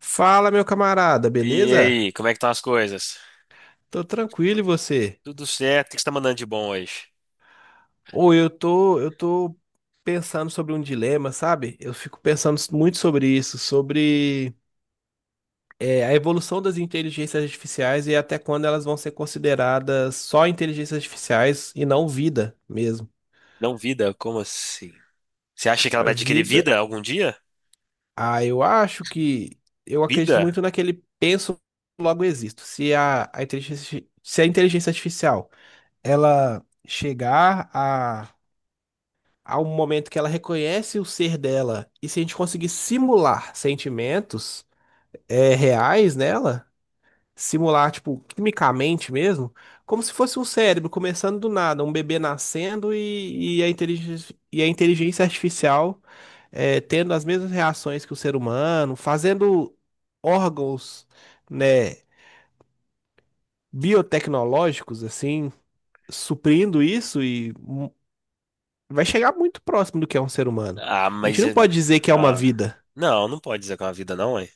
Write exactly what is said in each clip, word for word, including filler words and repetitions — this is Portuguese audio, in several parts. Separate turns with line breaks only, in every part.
Fala, meu camarada,
E
beleza?
aí, como é que estão as coisas?
Tô tranquilo e você?
Tudo certo, o que você tá mandando de bom hoje?
Ou eu tô, eu tô pensando sobre um dilema, sabe? Eu fico pensando muito sobre isso, sobre é, a evolução das inteligências artificiais e até quando elas vão ser consideradas só inteligências artificiais e não vida mesmo.
Não vida? Como assim? Você acha que ela
A
vai adquirir
vida,
vida algum dia?
ah, eu acho que eu acredito
Vida?
muito naquele penso logo existo. Se a, a inteligência, se a inteligência artificial ela chegar a... Há um momento que ela reconhece o ser dela. E se a gente conseguir simular sentimentos é, reais nela, simular, tipo, quimicamente mesmo, como se fosse um cérebro começando do nada, um bebê nascendo e, e a inteligência, e a inteligência artificial é, tendo as mesmas reações que o ser humano, fazendo órgãos, né, biotecnológicos, assim, suprindo isso e hum, vai chegar muito próximo do que é um ser humano.
Ah,
A gente
mas.
não
eh,
pode dizer que é uma
Ah,
vida.
não, não pode dizer que é uma vida, não, é?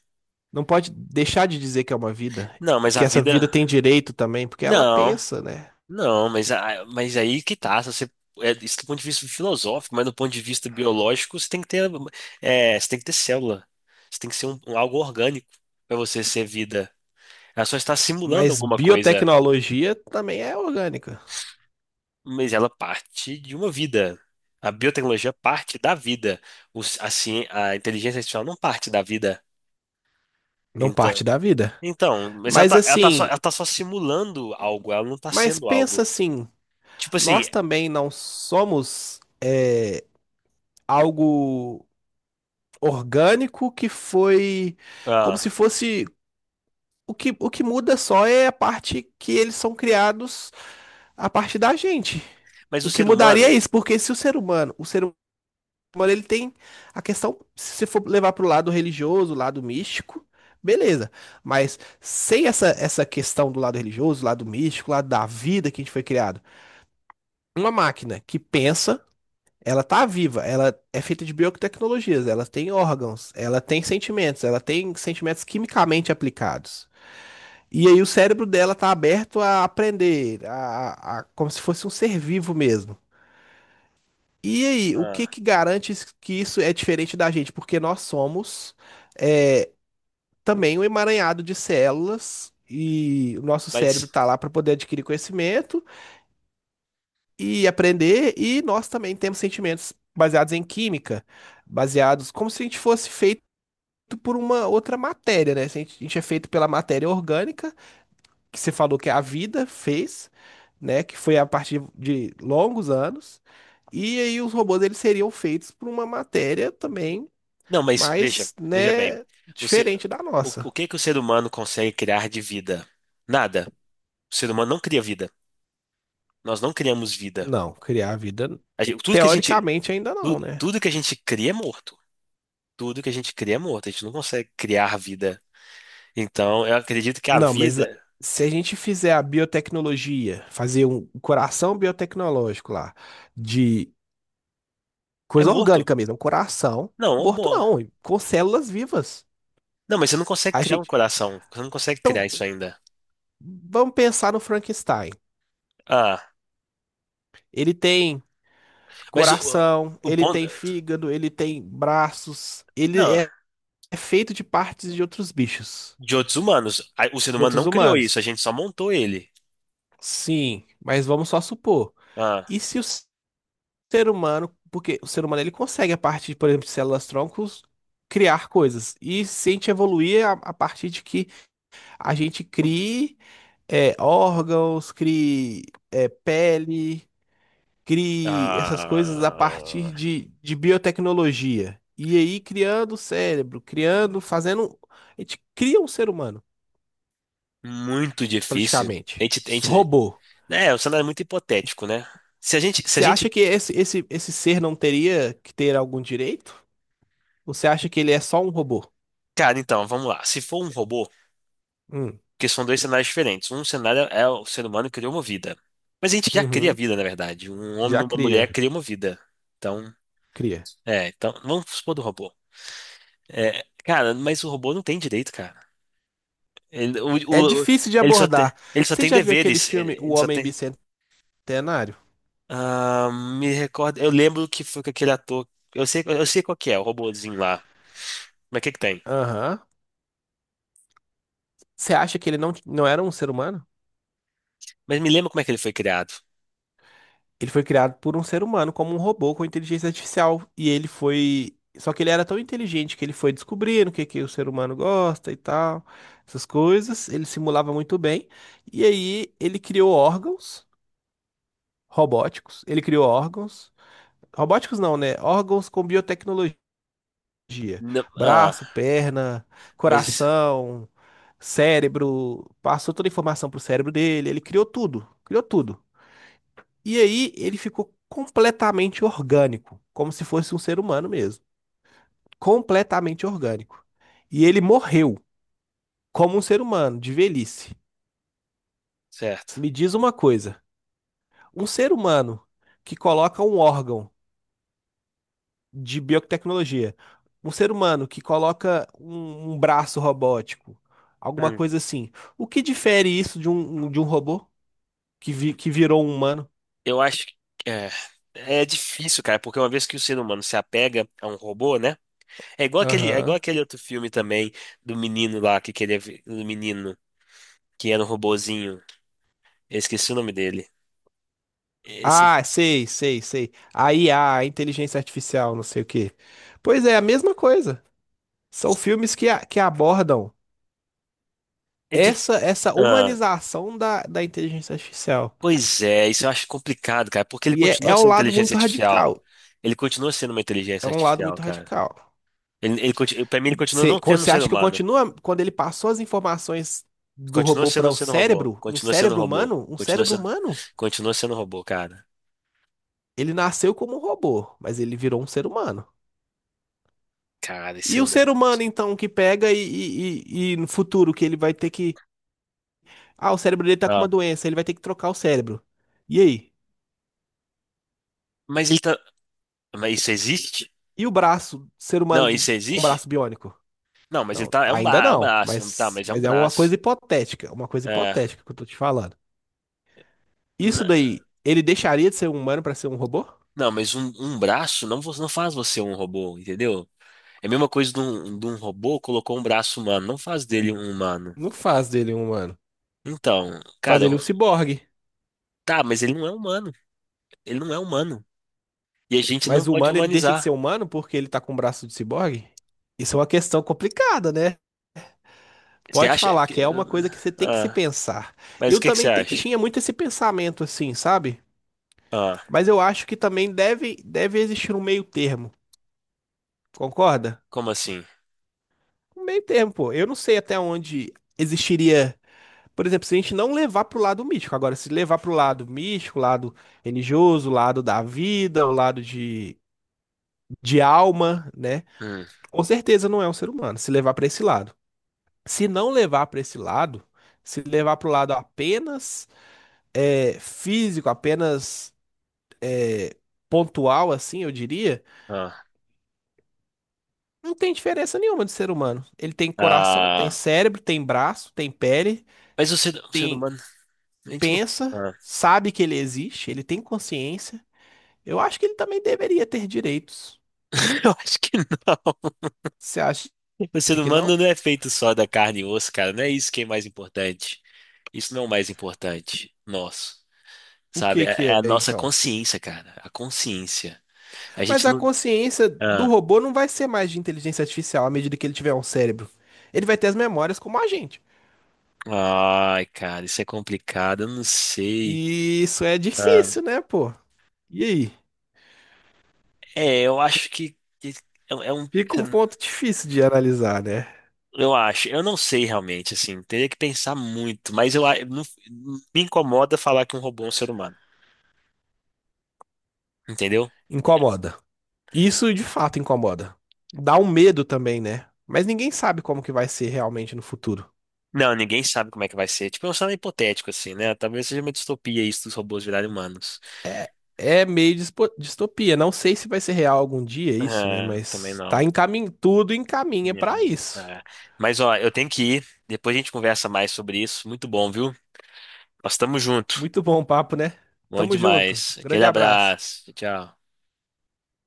Não pode deixar de dizer que é uma vida
Não,
e
mas a
que essa vida
vida.
tem direito também, porque ela
Não,
pensa, né?
não, mas, a- mas aí que tá. Se você, é, isso do ponto de vista filosófico, mas do ponto de vista biológico, você tem que ter, é, você tem que ter célula. Você tem que ser um, um algo orgânico para você ser vida. Ela só está simulando
Mas
alguma coisa.
biotecnologia também é orgânica,
Mas ela parte de uma vida. A biotecnologia parte da vida. O ci- a, ci- a inteligência artificial não parte da vida.
não
Então,
parte da vida.
então, mas ela
Mas
tá, ela tá só,
assim,
ela tá só simulando algo, ela não tá
mas
sendo
pensa
algo.
assim,
Tipo assim,
nós também não somos é, algo orgânico que foi, como
ah,
se fosse, o que, o que muda só é a parte que eles são criados a partir da gente.
mas o
O que
ser
mudaria é
humano.
isso, porque se o ser humano, o ser Mano, ele tem a questão, se você for levar pro lado religioso, lado místico, beleza. Mas sem essa, essa questão do lado religioso, lado místico, lado da vida que a gente foi criado, uma máquina que pensa, ela tá viva, ela é feita de biotecnologias, ela tem órgãos, ela tem sentimentos, ela tem sentimentos quimicamente aplicados. E aí o cérebro dela tá aberto a aprender, a, a- como se fosse um ser vivo mesmo. E aí, o que
Ah,
que garante is- que isso é diferente da gente? Porque nós somos é, também um emaranhado de células e o nosso cérebro
mas.
está lá para poder adquirir conhecimento e aprender, e nós também temos sentimentos baseados em química, baseados como se a gente fosse feito por uma outra matéria, né? Se A gente a gente é feito pela matéria orgânica que você falou que a vida fez, né? Que foi a partir de longos anos. E aí os robôs eles seriam feitos por uma matéria também
Não, mas veja,
mais,
veja bem.
né,
O, ser,
diferente da
o,
nossa.
o que que o ser humano consegue criar de vida? Nada. O ser humano não cria vida. Nós não criamos vida.
Não, criar a vida
A gente- tudo que a gente,
teoricamente ainda
tu-
não, né?
Tudo que a gente cria é morto. Tudo que a gente cria é morto, a gente não consegue criar vida. Então, eu acredito que a
Não, mas a-
vida
se a gente fizer a biotecnologia, fazer um coração biotecnológico lá, de
é
coisa
morto.
orgânica mesmo, um coração
Não,
morto
amor.
não, com células vivas.
Não, mas você não consegue
A
criar um
gente,
coração. Você não consegue criar isso
então,
ainda.
vamos pensar no Frankenstein.
Ah,
Ele tem
mas o,
coração,
o
ele
ponto.
tem fígado, ele tem braços, ele
Não,
é, é feito de partes de outros bichos,
de outros humanos. A- O ser
de
humano não
outros
criou isso, a
humanos.
gente só montou ele.
Sim, mas vamos só supor.
Ah,
E se o ser humano, porque o ser humano ele consegue a partir, por exemplo, de células troncos criar coisas. E se a gente evoluir a, a partir de que a gente crie é, órgãos, crie é, pele, crie essas coisas a
ah,
partir de, de biotecnologia. E aí criando o cérebro, criando, fazendo. A gente cria um ser humano,
muito difícil. A
praticamente.
gente, a gente,
Robô.
né, o cenário é muito hipotético, né? Se a gente, se a
Você acha
gente,
que esse, esse, esse ser não teria que ter algum direito? Ou você acha que ele é só um robô?
cara, então, vamos lá. Se for um robô.
Hum.
Porque são dois cenários diferentes. Um cenário é o ser humano criou uma vida. Mas a gente já cria
Uhum,
vida, na verdade. Um homem
já
e uma mulher
cria,
criam uma vida. Então,
cria.
é, então, vamos supor do robô. É, cara, mas o robô não tem direito, cara. Ele,
É
o- o-
difícil de
Ele só tem,
abordar.
ele só
Você
tem
já viu aquele
deveres. Ele,
filme O
ele só
Homem
tem.
Bicentenário?
Ah, me recordo. Eu lembro que foi com aquele ator. Eu sei, eu sei qual que é, o robôzinho lá. Mas o que que tem?
Aham. Você acha que ele não, não era um ser humano?
Mas me lembra como é que ele foi criado.
Ele foi criado por um ser humano, como um robô com inteligência artificial. E ele foi. Só que ele era tão inteligente que ele foi descobrindo o que que o ser humano gosta e tal, essas coisas. Ele simulava muito bem. E aí ele criou órgãos robóticos. Ele criou órgãos. Robóticos não, né? Órgãos com biotecnologia.
Não- ah,
Braço, perna,
mas.
coração, cérebro. Passou toda a informação pro cérebro dele. Ele criou tudo. Criou tudo. E aí ele ficou completamente orgânico, como se fosse um ser humano mesmo. Completamente orgânico. E ele morreu como um ser humano, de velhice.
Certo.
Me diz uma coisa: um ser humano que coloca um órgão de biotecnologia, um ser humano que coloca um, um braço robótico, alguma
Hum.
coisa assim, o que difere isso de um, de um robô que, vi- que virou um humano?
Eu acho que é, é difícil, cara, porque uma vez que o ser humano se apega a um robô, né? É igual aquele, é igual
Aham.
aquele outro filme também do menino lá que queria, vi- do menino que era um robozinho. Eu esqueci o nome dele. Esse
Ah, sei, sei, sei. A I A, a a inteligência artificial, não sei o quê. Pois é, a mesma coisa. São filmes que, a- que abordam
é de,
essa essa
ah,
humanização da, da inteligência artificial.
pois é, isso eu acho complicado, cara, porque ele
E é,
continua
é um
sendo
lado
inteligência
muito
artificial.
radical.
Ele continua sendo uma
É
inteligência
um lado
artificial,
muito
cara.
radical.
Ele, ele, conti- pra mim, ele continua
Você
não
co-
sendo um
você
ser
acha que eu
humano.
continuo quando ele passou as informações do
Continua
robô para
sendo
o
sendo robô.
cérebro? Um
Continua sendo
cérebro
robô.
humano? Um
Continua
cérebro
sendo,
humano?
continua sendo robô, cara.
Ele nasceu como um robô, mas ele virou um ser humano.
Cara, esse
E
é
o
um
ser
debate.
humano, então, que pega e, e, e e no futuro que ele vai ter que... Ah, o cérebro dele tá com uma doença, ele vai ter que trocar o cérebro. E aí?
Mas ele tá. Mas isso existe?
E o braço, ser humano
Não,
do-
isso
com
existe?
braço biônico?
Não, mas ele
Não,
tá. É um,
ainda
ba... é um
não,
braço. Tá,
mas,
mas é um
mas é uma
braço.
coisa hipotética, uma coisa
É.
hipotética que eu tô te falando.
N-
Isso daí, ele deixaria de ser um humano pra ser um robô?
Não, mas um, um braço não, vo- não faz você um robô, entendeu? É a mesma coisa de um, de um robô colocou um braço humano. Não faz dele um humano.
Não faz dele um humano,
Então,
faz
cara,
ele um ciborgue.
tá, mas ele não é humano. Ele não é humano. E a gente não
Mas o
pode
humano, ele deixa de ser
humanizar.
humano porque ele tá com o braço de ciborgue? Isso é uma questão complicada, né?
Você
Pode
acha
falar que
que.
é uma coisa que você tem que se
Ah,
pensar.
mas o
Eu
que que
também
você
te-
acha?
tinha muito esse pensamento assim, sabe?
Ah,
Mas eu acho que também deve, deve existir um meio termo, concorda?
como assim?
Um meio termo, pô. Eu não sei até onde existiria. Por exemplo, se a gente não levar pro lado místico. Agora, se levar pro lado místico, lado religioso, lado da vida, o lado de, de alma, né?
Hum,
Com certeza não é um ser humano, se levar pra esse lado. Se não levar pra esse lado, se levar pro lado apenas é, físico, apenas eh, pontual, assim, eu diria.
ah,
Não tem diferença nenhuma de ser humano. Ele tem coração, tem
ah,
cérebro, tem braço, tem pele,
mas o ser, o ser
tem,
humano. A gente não.
pensa,
Ah,
sabe que ele existe, ele tem consciência. Eu acho que ele também deveria ter direitos.
eu acho que não.
Você acha
O ser
que não?
humano não é feito só da carne e osso, cara. Não é isso que é mais importante. Isso não é o mais importante. Nosso.
O
Sabe?
que
É é
que
a
é
nossa
então?
consciência, cara. A consciência. A
Mas
gente
a
não.
consciência do
Ah.
robô não vai ser mais de inteligência artificial à medida que ele tiver um cérebro. Ele vai ter as memórias como a gente.
Ai, cara, isso é complicado. Eu não sei.
E isso é
Ah.
difícil, né, pô? E aí?
É, eu acho que. que É, é um.
Fica um ponto difícil de analisar, né?
Eu acho. Eu não sei realmente, assim. Teria que pensar muito. Mas eu a- não, me incomoda falar que um robô é um ser humano. Entendeu?
Incomoda. Isso de fato incomoda. Dá um medo também, né? Mas ninguém sabe como que vai ser realmente no futuro.
Não, ninguém sabe como é que vai ser. Tipo, é um cenário hipotético, assim, né? Talvez seja uma distopia isso dos robôs virarem humanos.
É, é meio dispo- distopia. Não sei se vai ser real algum dia isso, né?
É, também
Mas tá
não.
encamin... tudo encaminha pra
É,
isso.
é. Mas, ó, eu tenho que ir. Depois a gente conversa mais sobre isso. Muito bom, viu? Nós estamos juntos.
Muito bom o papo, né?
Bom
Tamo junto.
demais. Aquele
Grande abraço.
abraço. Tchau.